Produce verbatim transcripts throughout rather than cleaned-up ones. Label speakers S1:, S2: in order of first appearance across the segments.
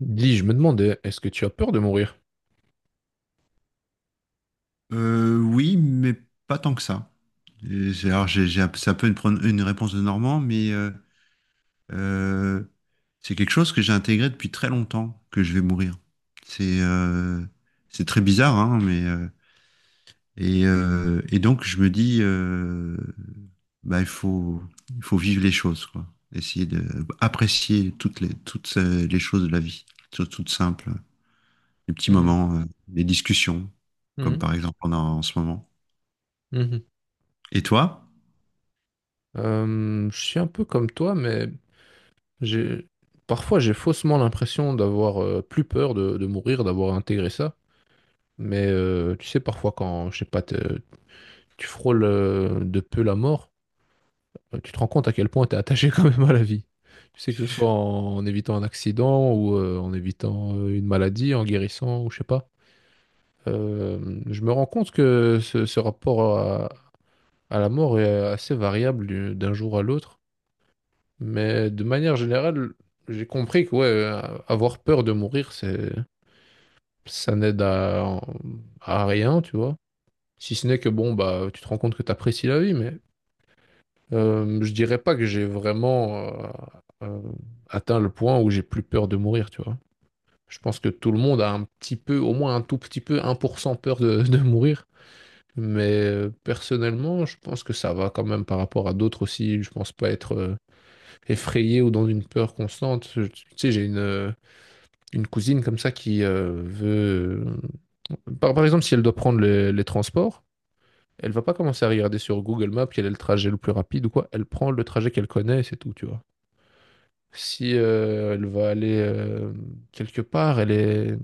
S1: Dis, je me demandais, est-ce que tu as peur de mourir?
S2: Euh, oui, mais pas tant que ça. Et c'est- Alors, j'ai, j'ai, un- c'est un peu une, pro- une réponse de Normand, mais euh, euh, c'est quelque chose que j'ai intégré depuis très longtemps, que je vais mourir. C'est euh, c'est très bizarre, hein, mais euh, et, euh, et donc je me dis, euh, bah, il faut, il faut vivre les choses, quoi. Essayer d'apprécier toutes les, toutes euh, les choses de la vie, choses toutes simples, les petits
S1: Mhm,
S2: moments, euh, les discussions, comme
S1: mhm,
S2: par exemple on a en ce moment.
S1: mhm.
S2: Et toi?
S1: Euh, je suis un peu comme toi, mais j'ai parfois j'ai faussement l'impression d'avoir euh, plus peur de, de mourir, d'avoir intégré ça. Mais euh, tu sais, parfois quand, je sais pas, te- tu frôles euh, de peu la mort, euh, tu te rends compte à quel point tu es attaché quand même à la vie. Tu sais que ce soit en, en évitant un accident ou euh, en évitant euh, une maladie, en guérissant ou je sais pas. Euh, je me rends compte que ce, ce rapport Ah, la mort est assez variable du- d'un jour à l'autre, mais de manière générale, j'ai compris que ouais, euh, avoir peur de mourir, c'est ça n'aide à, à rien, tu vois. Si ce n'est que bon, bah tu te rends compte que tu apprécies la vie, mais euh, je dirais pas que j'ai vraiment euh, euh, atteint le point où j'ai plus peur de mourir, tu vois. Je pense que tout le monde a un petit peu, au moins un tout petit peu, un pour cent peur de, de mourir. Mais euh, personnellement, je pense que ça va quand même par rapport à d'autres aussi. Je pense pas être euh, effrayé ou dans une peur constante. Je- Tu sais, j'ai une, euh, une cousine comme ça qui euh, veut... euh, Par, par exemple, si elle doit prendre les, les transports, elle va pas commencer à regarder sur Google Maps quel est le trajet le plus rapide ou quoi. Elle prend le trajet qu'elle connaît et c'est tout, tu vois. Si euh, elle va aller euh, quelque part, elle est... bah,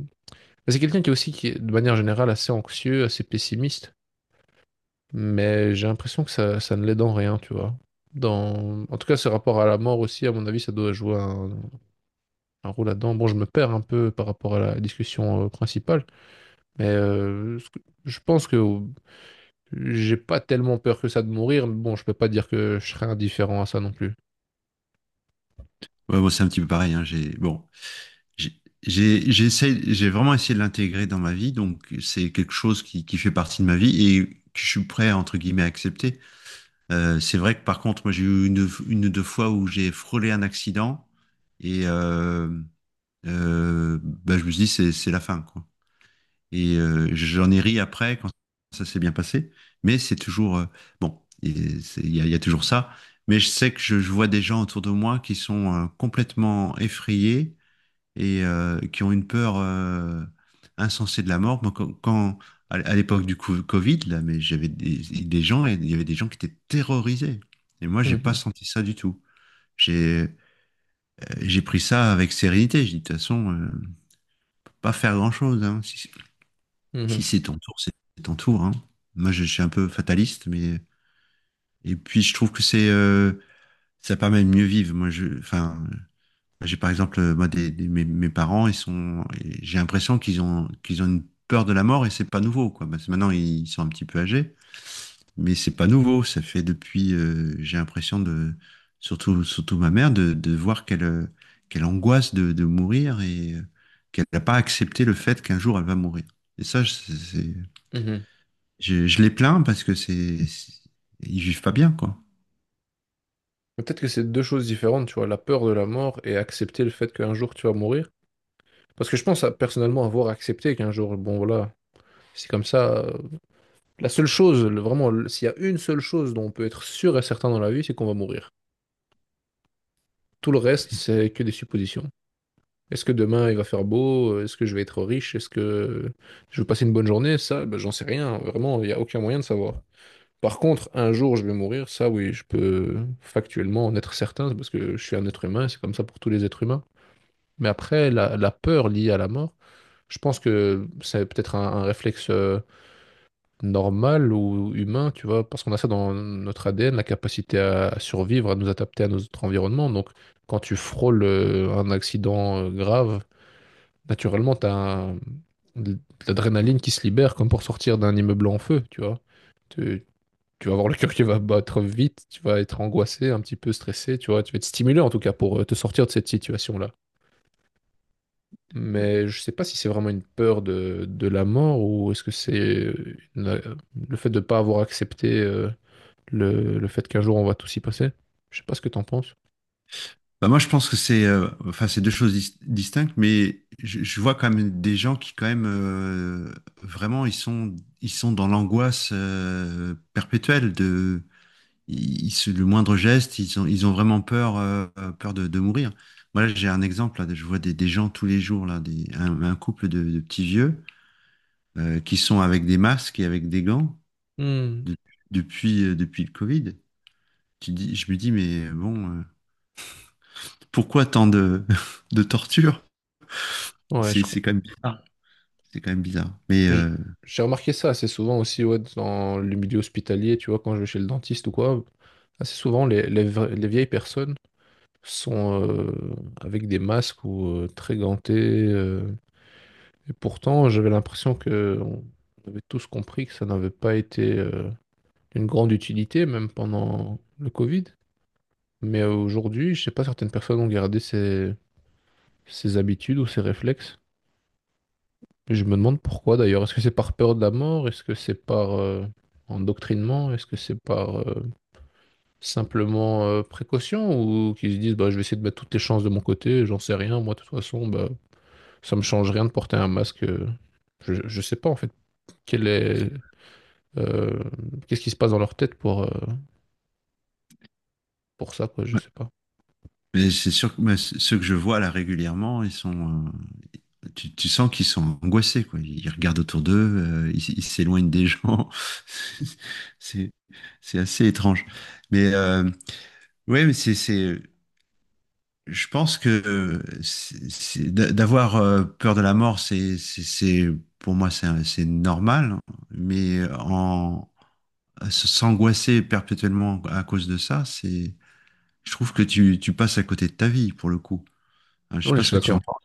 S1: c'est quelqu'un qui est aussi, qui est, de manière générale, assez anxieux, assez pessimiste. Mais j'ai l'impression que ça, ça ne l'aide en rien, tu vois. Dans... En tout cas, ce rapport à la mort aussi, à mon avis, ça doit jouer un, un rôle là-dedans. Bon, je me perds un peu par rapport à la discussion euh, principale, mais euh, ce que- je pense que j'ai pas tellement peur que ça de mourir, mais bon, je peux pas dire que je serais indifférent à ça non plus.
S2: Ouais, bon, c'est un petit peu pareil, hein. J'ai, bon, j'ai, j'ai j'essaie- j'ai vraiment essayé de l'intégrer dans ma vie, donc c'est quelque chose qui, qui fait partie de ma vie et que je suis prêt, entre guillemets, à accepter. Euh, c'est vrai que par contre, moi, j'ai eu une, une ou deux fois où j'ai frôlé un accident et euh, euh, bah, je me suis dit, c'est, c'est la fin, quoi. Et euh, j'en ai ri après quand ça s'est bien passé, mais c'est toujours, euh, bon, et c'est- il y a, il y a toujours ça. Mais je sais que je, je vois des gens autour de moi qui sont euh, complètement effrayés et euh, qui ont une peur euh, insensée de la mort. Moi, quand, quand- à à l'époque du co- Covid, là, mais j'avais des, des gens, et il y avait des gens qui étaient terrorisés. Et moi, j'ai pas
S1: Mhm,
S2: senti ça du tout. J'ai euh, j'ai pris ça avec sérénité. J'ai dit, de toute façon, euh, on peut pas faire grand-chose, hein. Si, si
S1: mhm,
S2: c'est ton tour, c'est ton tour, hein. Moi, je, je suis un peu fataliste, mais et puis je trouve que c'est euh, ça permet de mieux vivre. Moi, je, enfin, bah, j'ai par exemple, euh, moi, des, des- mes, mes parents, ils sont, et j'ai l'impression qu'ils ont, qu'ils ont une peur de la mort et c'est pas nouveau, quoi. Parce que maintenant, ils sont un petit peu âgés, mais c'est pas nouveau. Ça fait depuis, euh, j'ai l'impression de, surtout, surtout ma mère, de, de voir qu'elle, euh, qu'elle angoisse de, de mourir et euh, qu'elle n'a pas accepté le fait qu'un jour elle va mourir. Et ça, je- c'est,
S1: mhm.
S2: je, je les plains parce que c'est, c'est- ils vivent pas bien, quoi.
S1: Peut-être que c'est deux choses différentes, tu vois, la peur de la mort et accepter le fait qu'un jour tu vas mourir. Parce que je pense à- personnellement avoir accepté qu'un jour, bon voilà, c'est comme ça. Euh, La seule chose, le- vraiment, le- s'il y a une seule chose dont on peut être sûr et certain dans la vie, c'est qu'on va mourir. Tout le reste, c'est que des suppositions. Est-ce que demain il va faire beau? Est-ce que je vais être riche? Est-ce que je vais passer une bonne journée? Ça, ben, j'en sais rien. Vraiment, il n'y a aucun moyen de savoir. Par contre, un jour je vais mourir, ça oui, je peux factuellement en être certain, c'est parce que je suis un être humain, c'est comme ça pour tous les êtres humains. Mais après, la, la peur liée à la mort, je pense que c'est peut-être un, un réflexe euh, normal ou humain, tu vois, parce qu'on a ça dans notre A D N, la capacité à à survivre, à nous adapter à notre environnement. Donc, quand tu frôles euh, un accident euh, grave, naturellement, tu as un- de l'adrénaline qui se libère, comme pour sortir d'un immeuble en feu, tu vois. Tu, tu vas avoir le cœur qui va battre vite, tu vas être angoissé, un petit peu stressé, tu vois. Tu vas être stimulé, en tout cas, pour euh, te sortir de cette situation-là. Mais je sais pas si c'est vraiment une peur de, de la mort ou est-ce que c'est euh, une- euh, le fait de ne pas avoir accepté euh, le, le fait qu'un jour on va tous y passer. Je sais pas ce que t'en penses.
S2: Bah, moi, je pense que c'est euh, enfin, c'est deux choses dis- distinctes, mais je, je vois quand même des gens qui, quand même, euh, vraiment, ils sont, ils sont dans l'angoisse euh, perpétuelle de ils- ils se- le moindre geste, ils ont, ils ont vraiment peur, euh, peur de, de mourir. Moi, là, j'ai un exemple, là, je vois des, des gens tous les jours, là, des, un, un couple de, de petits vieux euh, qui sont avec des masques et avec des gants
S1: Hmm.
S2: de- depuis, euh, depuis le Covid. Tu dis, je me dis, mais bon, euh, pourquoi tant de, de torture?
S1: Ouais, je
S2: C'est
S1: crois.
S2: c'est quand même bizarre. C'est quand même bizarre. Mais,
S1: je-
S2: euh,
S1: J'ai remarqué ça assez souvent aussi ouais, dans le milieu hospitalier, tu vois, quand je vais chez le dentiste ou quoi. Assez souvent, les, les vra- les vieilles personnes sont euh, avec des masques ou euh, très gantées, euh, et pourtant, j'avais l'impression que on avait tous compris que ça n'avait pas été euh, d'une grande utilité, même pendant le Covid. Mais aujourd'hui, je sais pas, certaines personnes ont gardé ces, ces habitudes ou ces réflexes. Je me demande pourquoi d'ailleurs. Est-ce que c'est par peur de la mort? Est-ce que c'est par euh, endoctrinement? Est-ce que c'est par euh, simplement euh, précaution? Ou qu'ils se disent bah, je vais essayer de mettre toutes les chances de mon côté, j'en sais rien. Moi, de toute façon, bah, ça me change rien de porter un masque. Euh. Je, je sais pas en fait quel est euh, qu'est-ce qui se passe dans leur tête pour, euh, pour ça, quoi, je
S2: ouais.
S1: sais pas.
S2: Mais c'est sûr que moi, c- ceux que je vois là régulièrement, ils sont. Euh, tu, tu sens qu'ils sont angoissés, quoi. Ils regardent autour d'eux, euh, ils ils s'éloignent des gens. C'est c'est assez étrange. Mais euh, ouais, mais c'est c'est. Je pense que euh, c'est- c'est- d'a- d'avoir euh, peur de la mort, c'est c'est c'est- pour moi c'est un- c'est normal. Mais en s- s'angoisser perpétuellement à cause de ça, c'est... Je trouve que tu, tu passes à côté de ta vie pour le coup. Je je sais
S1: Non, mais
S2: pas
S1: je
S2: ce
S1: suis
S2: que tu en
S1: d'accord.
S2: penses.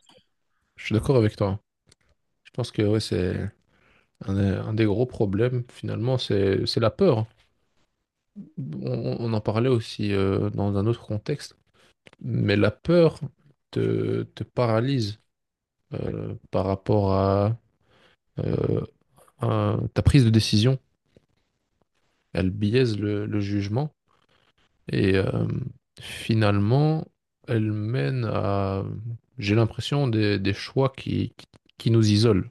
S1: Je suis d'accord avec toi. Je pense que ouais, c'est un, un des gros problèmes finalement, c'est c'est la peur. On, on en parlait aussi euh, dans un autre contexte, mais la peur te, te paralyse euh, par rapport à, euh, à ta prise de décision. Elle biaise le, le jugement et euh, finalement, elle mène à, j'ai l'impression, des, des choix qui, qui, qui nous isolent,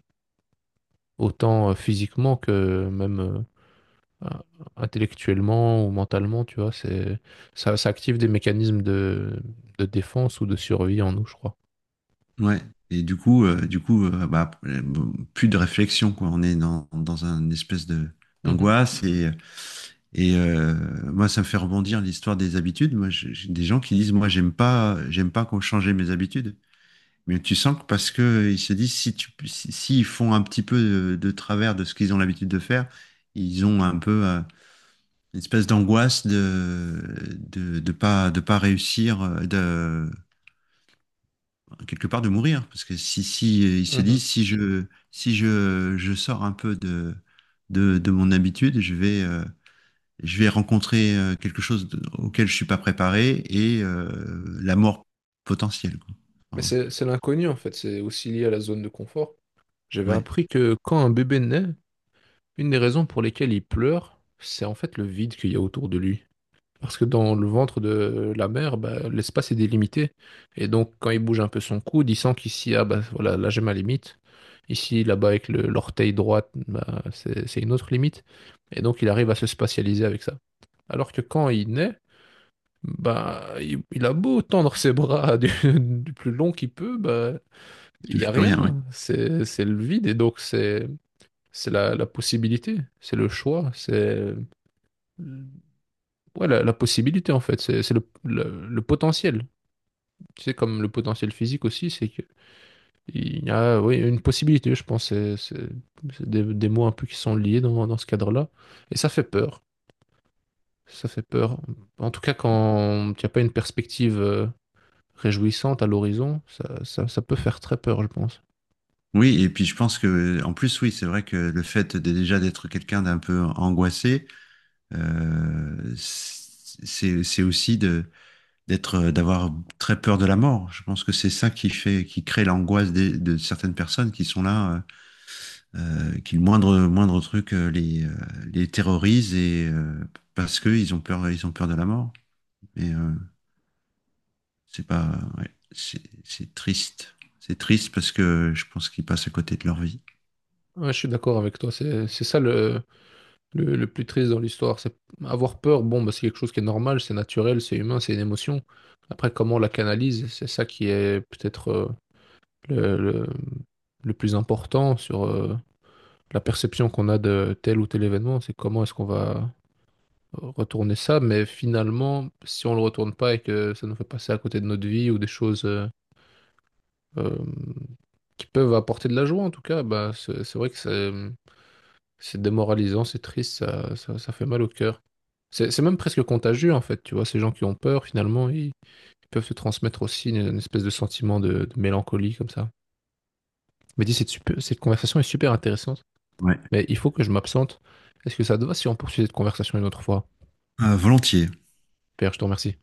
S1: autant euh, physiquement que même euh, euh, intellectuellement ou mentalement, tu vois, c'est ça, ça active des mécanismes de, de défense ou de survie en nous, je crois.
S2: Ouais. Et du coup, euh, du coup, euh, bah, euh, plus de réflexion, quoi. On est dans, dans une espèce de
S1: Mhm,
S2: d'angoisse et, et euh, moi ça me fait rebondir l'histoire des habitudes. Moi, j'ai j'ai des gens qui disent moi j'aime pas j'aime pas qu'on change mes habitudes. Mais tu sens que parce que ils se disent si tu si- s'ils font un petit peu de, de travers de ce qu'ils ont l'habitude de faire, ils ont un peu euh, une espèce d'angoisse de de de pas de pas réussir, euh, de quelque part de mourir, parce que si si euh, il se
S1: mhm.
S2: dit si je si je je sors un peu de de, de mon habitude, je vais euh, je vais rencontrer euh, quelque chose de- auquel je suis pas préparé et euh, la mort potentielle, quoi.
S1: Mais
S2: Alors,
S1: c'est c'est l'inconnu en fait, c'est aussi lié à la zone de confort. J'avais
S2: ouais,
S1: appris que quand un bébé naît, une des raisons pour lesquelles il pleure, c'est en fait le vide qu'il y a autour de lui. Parce que dans le ventre de la mère, bah, l'espace est délimité. Et donc, quand il bouge un peu son coude, il sent qu'ici, ah bah voilà, là j'ai ma limite. Ici, là-bas, avec le- l'orteil droite, bah, c'est c'est une autre limite. Et donc, il arrive à se spatialiser avec ça. Alors que quand il naît, bah, il, il a beau tendre ses bras du, du plus long qu'il peut, bah,
S2: je
S1: il n'y
S2: touche
S1: a
S2: plus rien. Ouais.
S1: rien. C'est c'est le vide. Et donc, c'est c'est la, la possibilité, c'est le choix, c'est ouais, la, la possibilité en fait, c'est c'est le, le- le potentiel. Tu sais, comme le potentiel physique aussi, c'est qu'il y a oui, une possibilité, je pense. C'est c'est- c'est des, des mots un peu qui sont liés dans, dans ce cadre-là. Et ça fait peur. Ça fait peur. En tout cas, quand tu n'as pas une perspective euh, réjouissante à l'horizon, ça, ça, ça peut faire très peur, je pense.
S2: Oui, et puis je pense que en plus oui, c'est vrai que le fait de, déjà d'être quelqu'un d'un peu angoissé, euh, c'est c'est aussi de d'être, euh, d'avoir très peur de la mort. Je pense que c'est ça qui fait, qui crée l'angoisse des- de certaines personnes qui sont là, euh, euh, qui le moindre, moindre truc euh, les, euh, les terrorise et euh, parce que ils ont peur, ils ont peur de la mort. Mais euh, c'est pas, Ouais, c'est c'est triste. C'est triste parce que je pense qu'ils passent à côté de leur vie.
S1: Ouais, je suis d'accord avec toi. C'est c'est ça le, Le, le plus triste dans l'histoire, c'est avoir peur. Bon, bah, c'est quelque chose qui est normal, c'est naturel, c'est humain, c'est une émotion. Après, comment on la canalise, c'est ça qui est peut-être euh, le, le- le plus important sur euh, la perception qu'on a de tel ou tel événement. C'est comment est-ce qu'on va euh, retourner ça. Mais finalement, si on le retourne pas et que ça nous fait passer à côté de notre vie ou des choses euh, euh, qui peuvent apporter de la joie, en tout cas, bah, c'est c'est vrai que c'est c'est démoralisant, c'est triste, ça, ça, ça fait mal au cœur. C'est c'est même presque contagieux en fait, tu vois, ces gens qui ont peur finalement, ils peuvent se transmettre aussi une, une espèce de sentiment de, de mélancolie comme ça. Mais dis, cette, super- cette conversation est super intéressante,
S2: Ouais.
S1: mais il faut que je m'absente. Est-ce que ça te va si on poursuit cette conversation une autre fois?
S2: Euh, volontiers.
S1: Pierre, je te remercie.